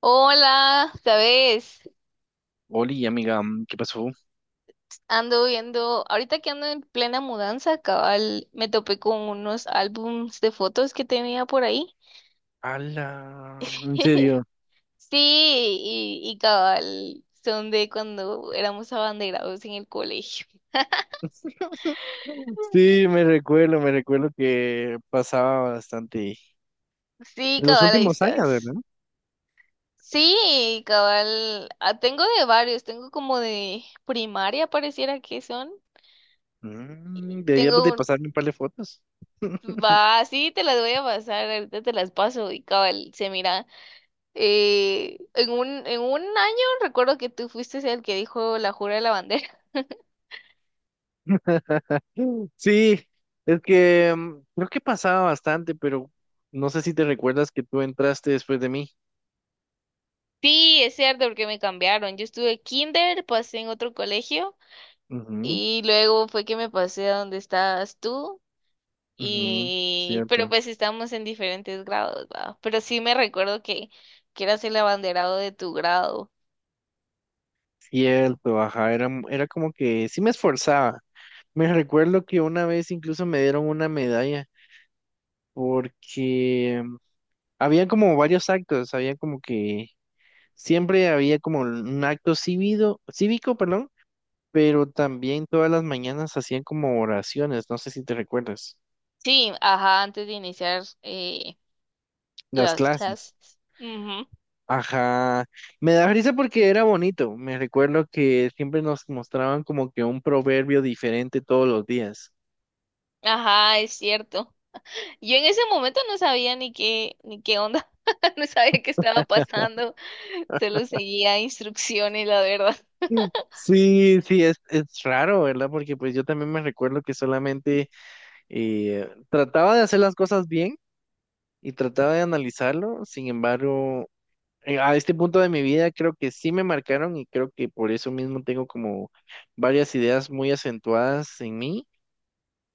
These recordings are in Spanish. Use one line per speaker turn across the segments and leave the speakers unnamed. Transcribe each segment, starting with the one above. Hola, ¿sabes?
Oli, amiga, ¿qué pasó?
Ando viendo, ahorita que ando en plena mudanza, cabal, me topé con unos álbums de fotos que tenía por ahí.
Ala, en serio.
Sí, y cabal, son de cuando éramos abanderados en el colegio.
Sí, me recuerdo que pasaba bastante
Sí,
en los
cabal, ahí
últimos años,
estás.
¿verdad?
Sí, cabal, ah, tengo de varios, tengo como de primaria, pareciera que son.
Deberíamos de
Tengo un,
pasarme un par de fotos.
va, sí, te las voy a pasar, ahorita te las paso y cabal, se mira. En un año recuerdo que tú fuiste el que dijo la jura de la bandera.
Sí, es que creo que pasaba bastante, pero no sé si te recuerdas que tú entraste después de mí.
Sí, es cierto, porque me cambiaron. Yo estuve kinder, pasé en otro colegio
Ujú,
y luego fue que me pasé a donde estabas tú.
ujú,
Y pero
cierto.
pues estamos en diferentes grados, ¿va? Pero sí me recuerdo que eras el abanderado de tu grado.
Cierto, ajá, era como que sí me esforzaba. Me recuerdo que una vez incluso me dieron una medalla, porque había como varios actos, había como que siempre había como un acto cívico, cívico, perdón, pero también todas las mañanas hacían como oraciones, no sé si te recuerdas,
Sí, ajá, antes de iniciar
las
las
clases.
clases. Ujú.
Ajá, me da risa porque era bonito, me recuerdo que siempre nos mostraban como que un proverbio diferente todos los días.
Ajá, es cierto. Yo en ese momento no sabía ni qué, ni qué onda, no sabía qué estaba pasando, solo seguía instrucciones, la verdad.
Mm. Sí, sí, es raro, ¿verdad? Porque pues yo también me recuerdo que solamente trataba de hacer las cosas bien, y trataba de analizarlo. Sin embargo, a este punto de mi vida creo que sí me marcaron y creo que por eso mismo tengo como varias ideas muy acentuadas en mí,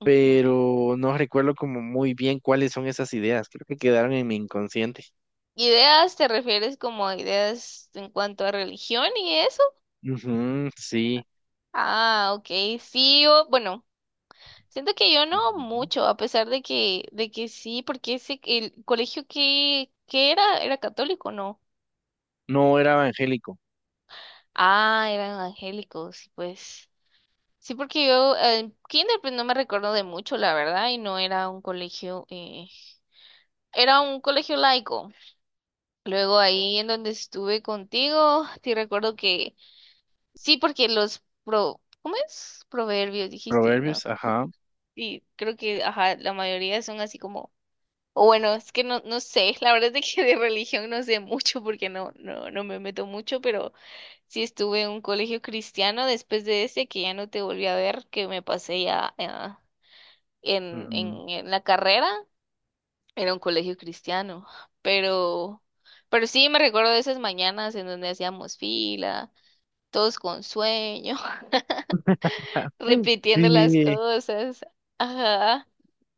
Ujú.
pero no recuerdo como muy bien cuáles son esas ideas. Creo que quedaron en mi inconsciente.
¿Ideas te refieres como a ideas en cuanto a religión y eso?
Ujú, sí.
Ah, ok, sí, yo, bueno, siento que yo no
Ujú,
mucho, a pesar de que, sí, porque ese, el colegio que era, era católico, ¿no?
no era evangélico.
Ah, eran evangélicos, y pues. Sí, porque yo en kinder pues no me recuerdo de mucho, la verdad, y no era un colegio, era un colegio laico. Luego ahí en donde estuve contigo, te recuerdo que sí, porque ¿cómo es? Proverbios dijiste, ¿no?
Proverbios, ajá.
Y creo que, ajá, la mayoría son así como, o bueno, es que no, no sé, la verdad es de que de religión no sé mucho porque no, no, no me meto mucho, pero sí estuve en un colegio cristiano después de ese que ya no te volví a ver, que me pasé ya. en,
Ujú.
en, en la carrera era un colegio cristiano, pero, pero, sí me recuerdo de esas mañanas en donde hacíamos fila, todos con sueño, repitiendo las
Sí,
cosas. Ajá.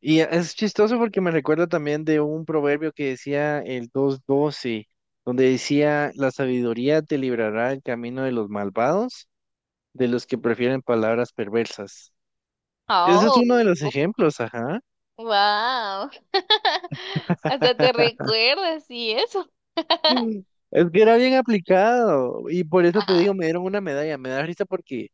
y es chistoso porque me recuerda también de un proverbio que decía el 2:12, donde decía, la sabiduría te librará el camino de los malvados, de los que prefieren palabras perversas. Ese es
Oh,
uno de los ejemplos, ajá.
wow. Hasta te recuerdas y eso.
Mm. Es que era bien aplicado y por eso te digo,
Ah,
me dieron una medalla. Me da risa porque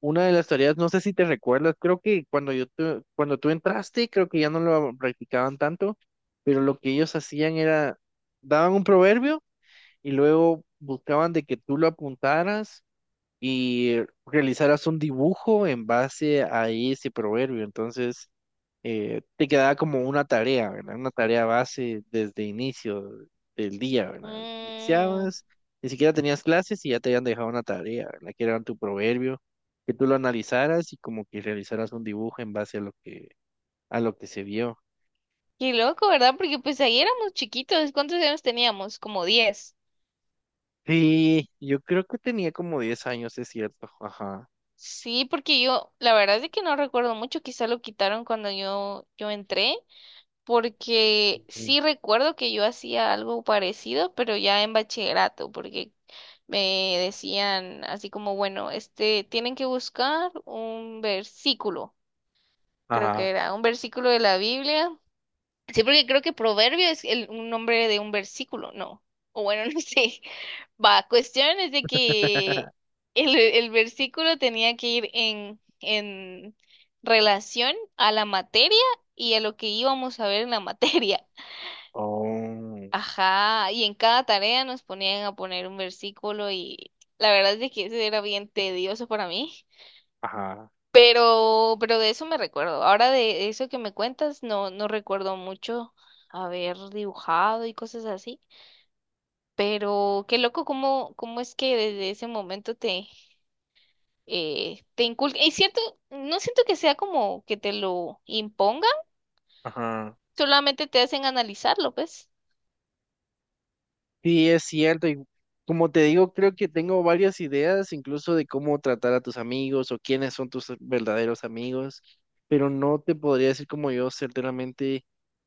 una de las tareas, no sé si te recuerdas, creo que cuando yo cuando tú entraste, creo que ya no lo practicaban tanto, pero lo que ellos hacían era, daban un proverbio y luego buscaban de que tú lo apuntaras y realizaras un dibujo en base a ese proverbio. Entonces, te quedaba como una tarea, ¿verdad? Una tarea base desde inicio del día, ¿verdad?
mm,
Iniciabas, ni siquiera tenías clases y ya te habían dejado una tarea, ¿verdad? Que era tu proverbio, que tú lo analizaras y como que realizaras un dibujo en base a lo que se vio.
qué loco, ¿verdad? Porque pues ahí éramos chiquitos. ¿Cuántos años teníamos? Como 10.
Sí, yo creo que tenía como 10 años, es cierto. Ajá.
Sí, porque yo, la verdad es que no recuerdo mucho, quizá lo quitaron cuando yo entré, porque
Sí.
sí recuerdo que yo hacía algo parecido, pero ya en bachillerato, porque me decían así como, bueno, este, tienen que buscar un versículo, creo que
Ajá.
era un versículo de la Biblia. Sí, porque creo que proverbio es el, un nombre de un versículo, ¿no? O bueno, no sé. Va, cuestión es de que el versículo tenía que ir en relación a la materia y a lo que íbamos a ver en la materia.
Oh,
Ajá, y en cada tarea nos ponían a poner un versículo y la verdad es de que eso era bien tedioso para mí.
ajá,
Pero de eso me recuerdo. Ahora de eso que me cuentas, no, no recuerdo mucho haber dibujado y cosas así. Pero qué loco cómo, cómo es que desde ese momento te inculca. Y cierto, no siento que sea como que te lo impongan,
ajá.
solamente te hacen analizarlo, pues.
Sí, es cierto. Y como te digo, creo que tengo varias ideas, incluso de cómo tratar a tus amigos o quiénes son tus verdaderos amigos, pero no te podría decir como yo, certeramente,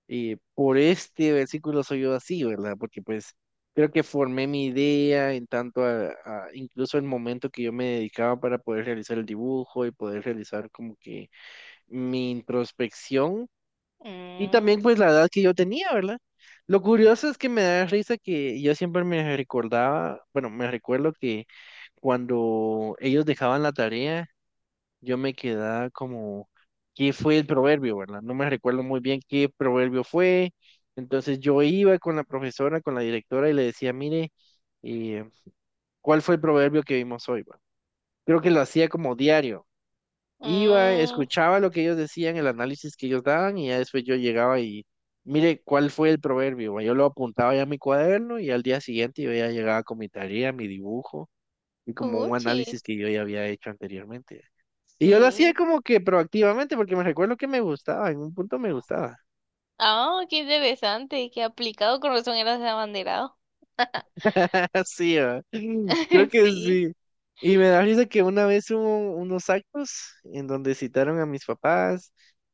por este versículo soy yo así, ¿verdad? Porque pues creo que formé mi idea en tanto a, incluso el momento que yo me dedicaba para poder realizar el dibujo y poder realizar como que mi introspección. Y
Mm,
también pues la edad que yo tenía, ¿verdad? Lo curioso es que me da risa que yo siempre me recordaba, bueno, me recuerdo que cuando ellos dejaban la tarea, yo me quedaba como, ¿qué fue el proverbio, verdad? No me recuerdo muy bien qué proverbio fue. Entonces yo iba con la profesora, con la directora y le decía, mire, eh, ¿cuál fue el proverbio que vimos hoy, va? Creo que lo hacía como diario. Iba,
mm,
escuchaba lo que ellos decían, el análisis que ellos daban, y ya después yo llegaba y, mire, ¿cuál fue el proverbio, ma? Yo lo apuntaba ya en mi cuaderno y al día siguiente yo ya llegaba con mi tarea, mi dibujo y como un
puchi,
análisis que yo ya había hecho anteriormente. Y yo lo hacía
sí.
como que proactivamente porque me recuerdo que me gustaba, en un punto me gustaba.
Ah, qué interesante, qué aplicado, con razón eras abanderado.
Así, ¿verdad? Creo que
Sí.
sí. Y me da risa que una vez hubo unos actos en donde citaron a mis papás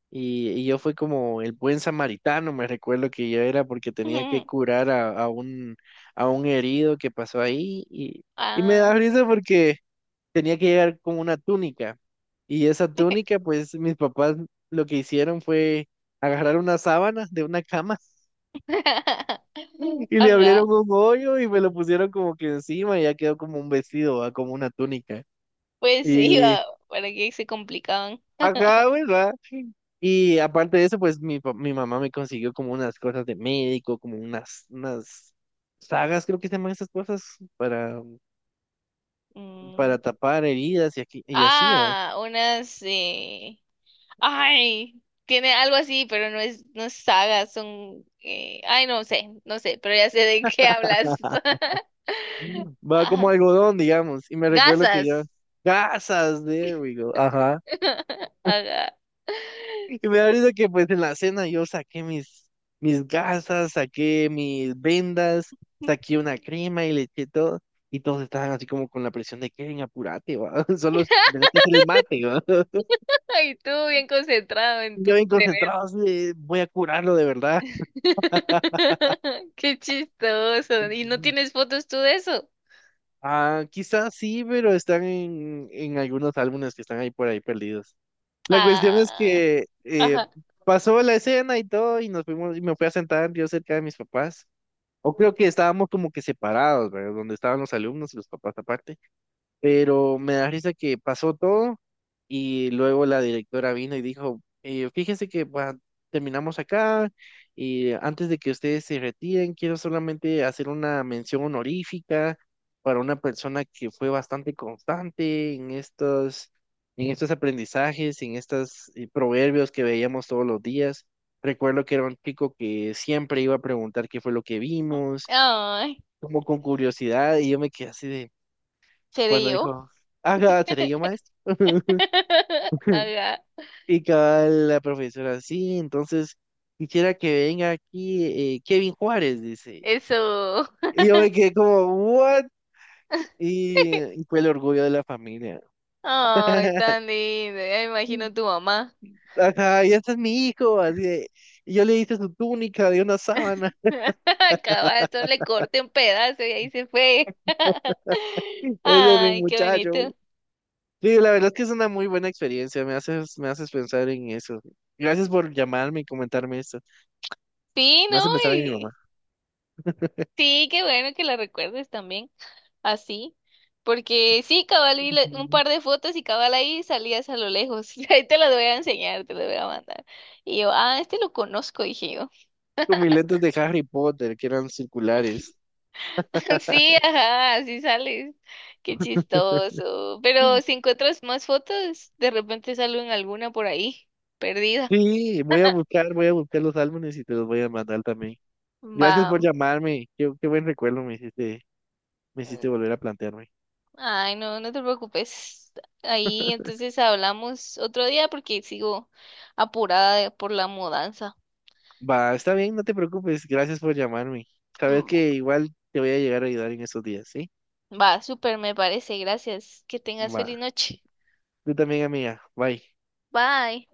y yo fui como el buen samaritano, me recuerdo que yo era porque tenía que curar a un herido que pasó ahí y me da
Ah,
risa porque tenía que llegar con una túnica y esa túnica pues mis papás lo que hicieron fue agarrar una sábana de una cama y le abrieron
ajá.
un hoyo y me lo pusieron como que encima y ya quedó como un vestido, ¿va? Como una túnica.
Pues
Y,
iba para que se complicaban.
ajá, pues, ¿va? Y aparte de eso, pues mi mamá me consiguió como unas cosas de médico, como unas, sagas, creo que se llaman esas cosas, para, para
Mm.
tapar heridas y, aquí, y así, ¿va?
Ah, unas. Ay, tiene algo así, pero no es, no es saga, son. Ay, no sé, no sé, pero ya sé de qué hablas.
Va como
Ajá.
algodón, digamos. Y me recuerdo que yo,
Gasas.
gasas, there we go, ajá.
Ajá.
Y me da risa que pues en la cena yo saqué mis, mis gasas, saqué mis vendas, saqué una crema y le eché todo. Y todos estaban así como con la presión de Kevin, apurate, va. Solo es tenés que hacer el mate, va.
Ay, tú bien concentrado en
Y yo
tu
bien
tener.
concentrado, así de, voy a curarlo de verdad.
Qué chistoso. ¿Y no tienes fotos tú de eso?
Ah, quizás sí, pero están en algunos álbumes que están ahí por ahí perdidos. La cuestión es
Ah,
que
ajá.
pasó la escena y todo, y nos fuimos, y me fui a sentar yo cerca de mis papás. O creo que estábamos como que separados, ¿verdad? Donde estaban los alumnos y los papás aparte. Pero me da risa que pasó todo y luego la directora vino y dijo, fíjense que pues, terminamos acá y antes de que ustedes se retiren, quiero solamente hacer una mención honorífica para una persona que fue bastante constante en estos aprendizajes, en estos proverbios que veíamos todos los días. Recuerdo que era un chico que siempre iba a preguntar qué fue lo que vimos,
Ay,
como con curiosidad, y yo me quedé así de
seré
cuando
yo.
dijo, ah, seré yo maestro.
Ajá,
Y cabal la profesora, sí, entonces quisiera que venga aquí Kevin Juárez, dice.
eso.
Y yo me quedé como, ¿what? Y fue el orgullo de la familia.
Ay, tan lindo. Ya me imagino tu mamá.
Ajá, y este es mi hijo, así de, y yo le hice su túnica de una sábana.
Cabal, solo le corté un pedazo y ahí se fue.
Ese es mi
Ay, qué
muchacho.
bonito.
Sí, la verdad es que es una muy buena experiencia, me haces pensar en eso. Gracias por llamarme y comentarme esto.
Sí,
Me
¿no?
hace pensar en mi mamá.
Y- Sí, qué bueno que la recuerdes también. Así. Porque sí, cabal, vi un
Ujú.
par de fotos y cabal ahí salías a lo lejos. Ahí te las voy a enseñar, te las voy a mandar. Y yo, ah, este lo conozco, dije yo.
Con mis lentes de Harry Potter, que eran circulares.
Sí, ajá, así sales. Qué chistoso. Pero si encuentras más fotos, de repente salen alguna por ahí, perdida.
Sí, voy a buscar los álbumes y te los voy a mandar también. Gracias por
Va.
llamarme. Qué buen recuerdo me hiciste volver
mm,
a plantearme.
Ay, no, no te preocupes. Ahí entonces hablamos otro día porque sigo apurada por la mudanza.
Va, está bien, no te preocupes. Gracias por llamarme. Sabes que igual te voy a llegar a ayudar en esos días, ¿sí?
Va, súper, me parece. Gracias. Que tengas
Va.
feliz noche.
Tú también, amiga. Bye.
Bye.